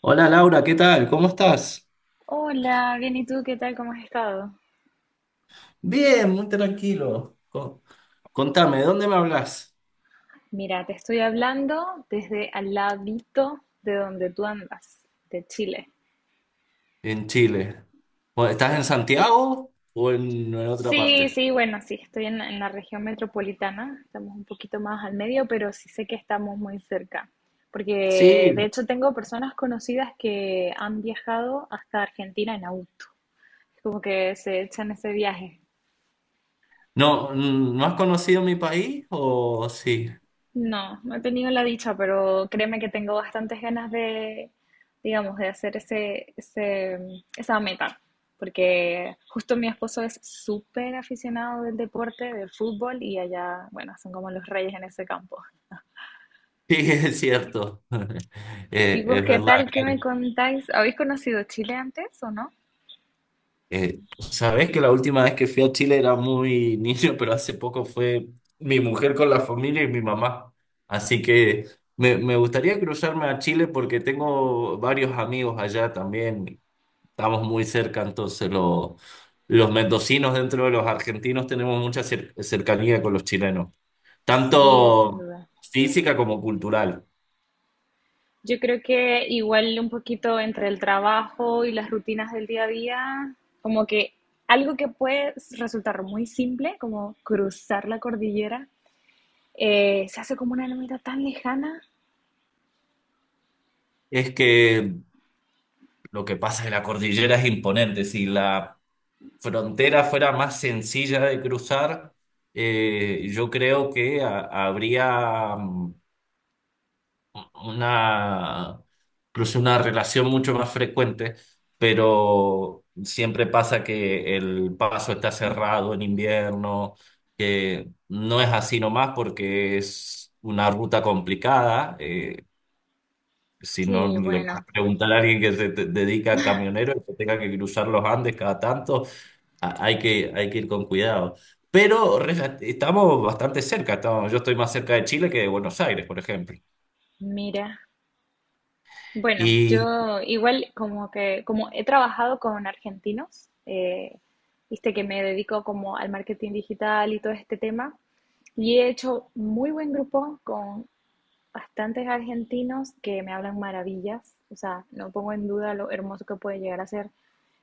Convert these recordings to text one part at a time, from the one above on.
Hola Laura, ¿qué tal? ¿Cómo estás? Hola, bien, ¿y tú qué tal? ¿Cómo has estado? Bien, muy tranquilo. Contame, ¿de dónde me hablas? Mira, te estoy hablando desde al ladito de donde tú andas, de Chile. En Chile. Bueno, ¿estás en Sí. Santiago o en otra Sí, parte? sí, bueno, sí, estoy en, en la región metropolitana, estamos un poquito más al medio, pero sí sé que estamos muy cerca, porque Sí. de hecho tengo personas conocidas que han viajado hasta Argentina en auto, como que se echan ese viaje. ¿No, no has conocido mi país o sí? No, no he tenido la dicha, pero créeme que tengo bastantes ganas de, digamos, de hacer ese, esa meta, porque justo mi esposo es súper aficionado del deporte, del fútbol, y allá, bueno, son como los reyes en ese campo. Sí, es cierto. ¿Y vos Es qué verdad. tal? ¿Qué me contáis? ¿Habéis conocido Chile antes o no? Sabes que la última vez que fui a Chile era muy niño, pero hace poco fue mi mujer con la familia y mi mamá. Así que me gustaría cruzarme a Chile porque tengo varios amigos allá también. Estamos muy cerca, entonces los mendocinos dentro de los argentinos tenemos mucha cercanía con los chilenos, Sí, sin tanto duda. física como cultural. Yo creo que igual un poquito entre el trabajo y las rutinas del día a día, como que algo que puede resultar muy simple, como cruzar la cordillera, se hace como una meta tan lejana. Es que lo que pasa en la cordillera es imponente. Si la frontera fuera más sencilla de cruzar, yo creo que habría una, incluso una relación mucho más frecuente, pero siempre pasa que el paso está cerrado en invierno, que no es así nomás porque es una ruta complicada. Si no Sí, le bueno, puedes preguntar a alguien que dedica a camionero, que tenga que cruzar los Andes cada tanto, hay que, hay que ir con cuidado. Pero estamos bastante cerca. Yo estoy más cerca de Chile que de Buenos Aires, por ejemplo. mira. Bueno, Y yo igual como que, como he trabajado con argentinos, viste que me dedico como al marketing digital y todo este tema, y he hecho muy buen grupo con bastantes argentinos que me hablan maravillas, o sea, no pongo en duda lo hermoso que puede llegar a ser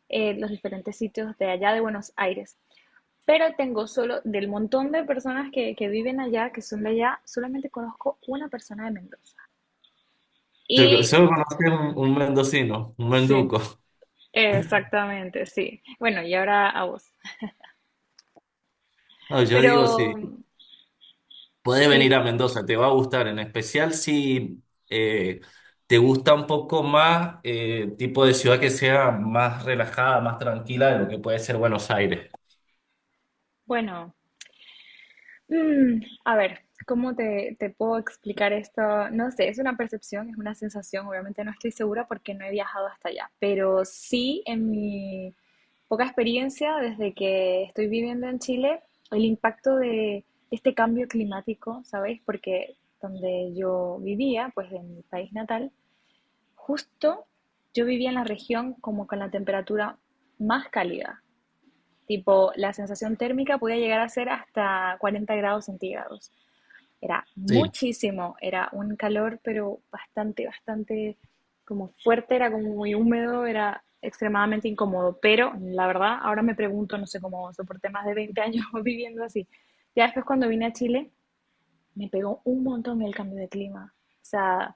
los diferentes sitios de allá de Buenos Aires. Pero tengo solo, del montón de personas que viven allá, que son de allá, solamente conozco una persona de Mendoza. Y solo conocí un mendocino, un sí, menduco. exactamente, sí. Bueno, y ahora a vos. No, yo Pero digo, si puedes sí, venir a Mendoza, te va a gustar, en especial si eh, te gusta un poco más tipo de ciudad que sea más relajada, más tranquila de lo que puede ser Buenos Aires. bueno, mm, a ver, ¿cómo te, te puedo explicar esto? No sé, es una percepción, es una sensación, obviamente no estoy segura porque no he viajado hasta allá, pero sí en mi poca experiencia desde que estoy viviendo en Chile, el impacto de este cambio climático, ¿sabéis? Porque donde yo vivía, pues en mi país natal, justo yo vivía en la región como con la temperatura más cálida. Tipo, la sensación térmica podía llegar a ser hasta 40 grados centígrados. Era Sí. muchísimo, era un calor, pero bastante, bastante como fuerte, era como muy húmedo, era extremadamente incómodo, pero la verdad, ahora me pregunto, no sé cómo soporté más de 20 años viviendo así. Ya después cuando vine a Chile, me pegó un montón el cambio de clima. O sea,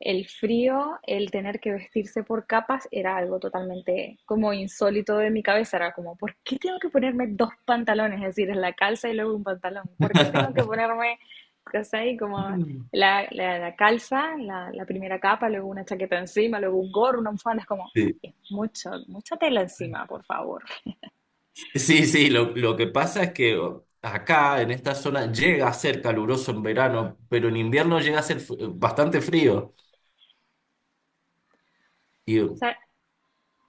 el frío, el tener que vestirse por capas era algo totalmente como insólito de mi cabeza. Era como, ¿por qué tengo que ponerme dos pantalones? Es decir, la calza y luego un pantalón. ¿Por qué tengo que ponerme, ¿cachai? Como la calza, la primera capa, luego una chaqueta encima, luego un gorro, una bufanda. Es como, Sí. es mucho, mucha tela encima, por favor. Sí, sí, lo que pasa es que oh, acá en esta zona llega a ser caluroso en verano, pero en invierno llega a ser bastante frío. Y, O oh, sea,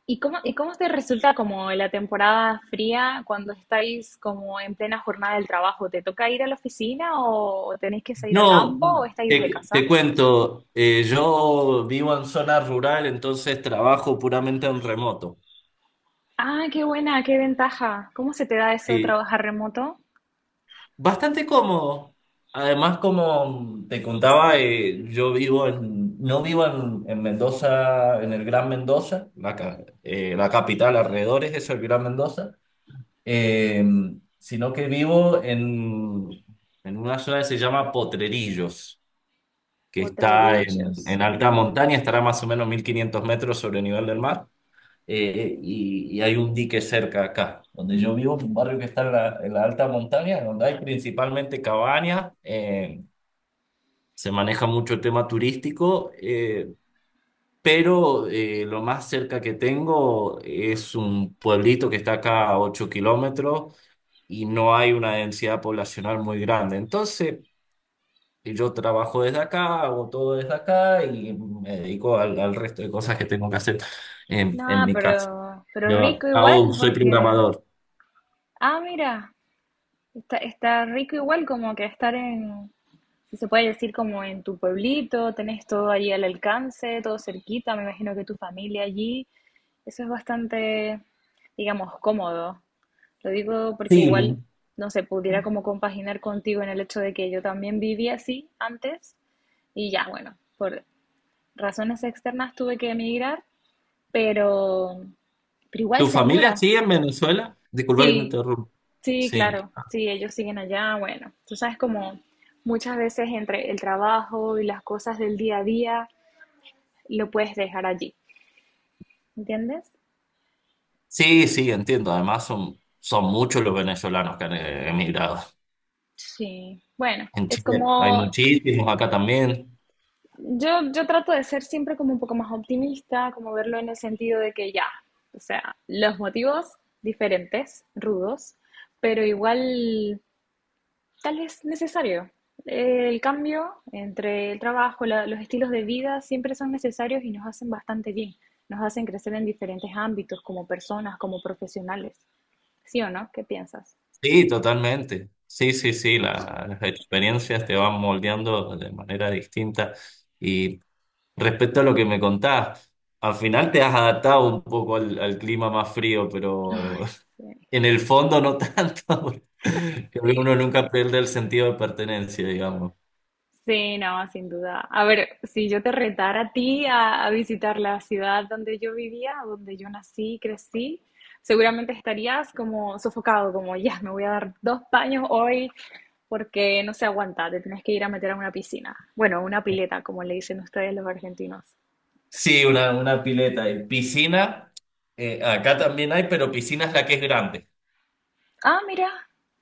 ¿y cómo, y cómo te resulta como la temporada fría cuando estáis como en plena jornada del trabajo? ¿Te toca ir a la oficina o tenéis que salir a no, campo o estáis desde casa? te cuento, yo vivo en zona rural, entonces trabajo puramente en remoto. Ah, qué buena, qué ventaja. ¿Cómo se te da eso de Sí, trabajar remoto? bastante cómodo. Además, como te contaba, yo vivo no vivo en Mendoza, en el Gran Mendoza, la capital alrededores es el Gran Mendoza. Eh, sino que vivo en una zona que se llama Potrerillos, que está Potrerillos. en alta Mm. montaña, estará más o menos 1500 metros sobre el nivel del mar, y hay un dique cerca acá, donde yo vivo, un barrio que está en en la alta montaña, donde hay principalmente cabañas, se maneja mucho el tema turístico, lo más cerca que tengo es un pueblito que está acá a 8 kilómetros y no hay una densidad poblacional muy grande. Entonces, yo trabajo desde acá, hago todo desde acá y me dedico al resto de cosas que tengo que hacer en No, mi casa. Pero rico Yo igual hago, soy porque... programador. Ah, mira, está, está rico igual como que estar en, si se puede decir, como en tu pueblito, tenés todo allí al alcance, todo cerquita, me imagino que tu familia allí. Eso es bastante, digamos, cómodo. Lo digo porque Sí. igual, no sé, pudiera como compaginar contigo en el hecho de que yo también viví así antes y ya, bueno, por razones externas tuve que emigrar, pero, pero igual ¿Tu se familia añora. sigue en Venezuela? Disculpa que te Sí, interrumpa. sí, Sí. claro, sí, ellos siguen allá, bueno, tú sabes como muchas veces entre el trabajo y las cosas del día a día lo puedes dejar allí, ¿entiendes? Sí, sí, entiendo. Además, son muchos los venezolanos que han emigrado. Sí, bueno, En es Chile hay como muchísimos, acá también. yo trato de ser siempre como un poco más optimista, como verlo en el sentido de que ya, o sea, los motivos diferentes, rudos, pero igual tal vez necesario. El cambio entre el trabajo, los estilos de vida siempre son necesarios y nos hacen bastante bien. Nos hacen crecer en diferentes ámbitos, como personas, como profesionales. ¿Sí o no? ¿Qué piensas? Sí, totalmente. Sí, sí, sí, las experiencias te van moldeando de manera distinta. Y respecto a lo que me contás, al final te has adaptado un poco al clima más frío, pero Ay, sí, en el fondo no tanto. Porque creo que sí. uno nunca pierde el sentido de pertenencia, digamos. Sí, no, sin duda. A ver, si yo te retara a ti a visitar la ciudad donde yo vivía, donde yo nací y crecí, seguramente estarías como sofocado, como ya, me voy a dar dos baños hoy porque no se aguanta, te tienes que ir a meter a una piscina. Bueno, una pileta, como le dicen ustedes los argentinos. Sí, una pileta y piscina. Acá también hay, pero piscina es la que es grande. Ah, mira,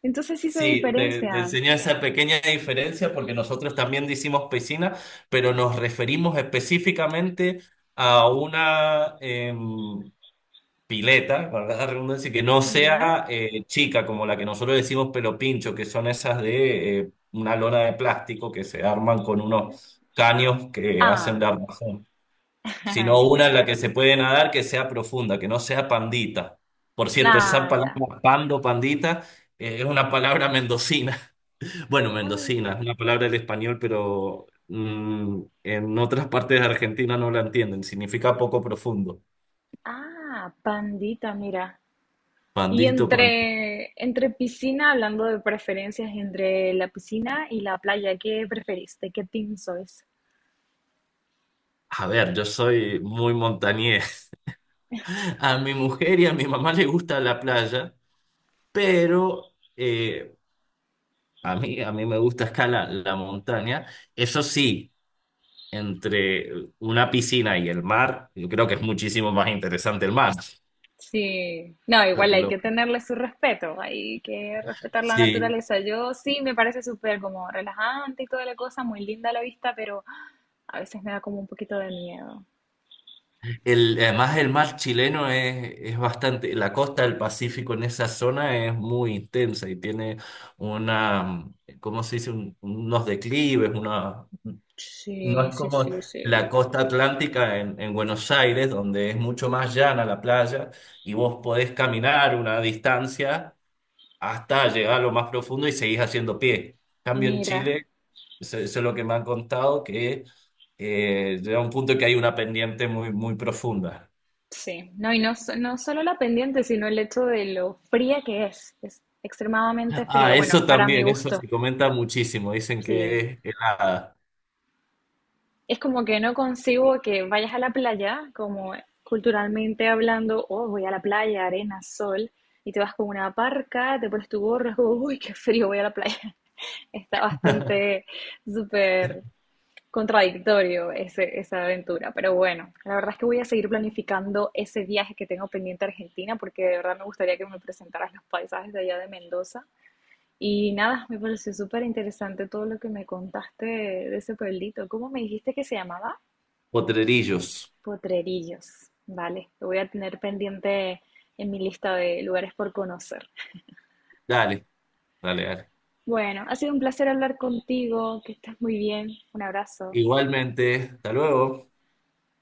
entonces sí se Sí, te diferencian. enseñé esa pequeña diferencia porque nosotros también decimos piscina, pero nos referimos específicamente a una pileta, valga la redundancia, que no Mira. sea chica como la que nosotros decimos pelo pincho, que son esas de una lona de plástico que se arman con unos caños que hacen Ah, de armazón, sino una en ya. la que se puede nadar que sea profunda, que no sea pandita. Por cierto, esa Nah, ya. palabra pando, pandita, es una palabra mendocina. Bueno, Ay, mendocina es una palabra del español, pero en otras partes de Argentina no la entienden. Significa poco profundo. ah, pandita, mira. Y Pandito, pandito. entre, entre piscina, hablando de preferencias entre la piscina y la playa, ¿qué preferís? ¿De qué team sois? A ver, yo soy muy montañés. A mi mujer y a mi mamá le gusta la playa, pero a mí me gusta escalar la montaña. Eso sí, entre una piscina y el mar, yo creo que es muchísimo más interesante el mar. Sí, no, Yo igual te hay que lo- tenerle su respeto, hay que respetar la Sí, naturaleza. Yo sí me parece súper como relajante y toda la cosa, muy linda la vista, pero a veces me da como un poquito de miedo. el, además, el mar chileno es bastante, la costa del Pacífico en esa zona es muy intensa y tiene una, ¿cómo se dice? Unos declives, una, no Sí, es sí, como sí, sí. la costa atlántica en Buenos Aires, donde es mucho más llana la playa y vos podés caminar una distancia hasta llegar a lo más profundo y seguís haciendo pie. En cambio en Mira, Chile, eso es lo que me han contado, que llega un punto que hay una pendiente muy profunda. sí, no, y no, no solo la pendiente, sino el hecho de lo fría que es extremadamente fría, Ah, bueno, eso para mi también, eso gusto, se comenta muchísimo. Dicen sí. que es Es como que no consigo que vayas a la playa, como culturalmente hablando, oh, voy a la playa, arena, sol, y te vas con una parca, te pones tu gorro, es como, uy, qué frío, voy a la playa. Está bastante súper contradictorio esa aventura, pero bueno, la verdad es que voy a seguir planificando ese viaje que tengo pendiente a Argentina, porque de verdad me gustaría que me presentaras los paisajes de allá de Mendoza. Y nada, me pareció súper interesante todo lo que me contaste de ese pueblito. ¿Cómo me dijiste que se llamaba? Potrerillos. Potrerillos, vale, lo voy a tener pendiente en mi lista de lugares por conocer. Dale, dale, dale. Bueno, ha sido un placer hablar contigo, que estés muy bien, un abrazo. Igualmente, hasta luego.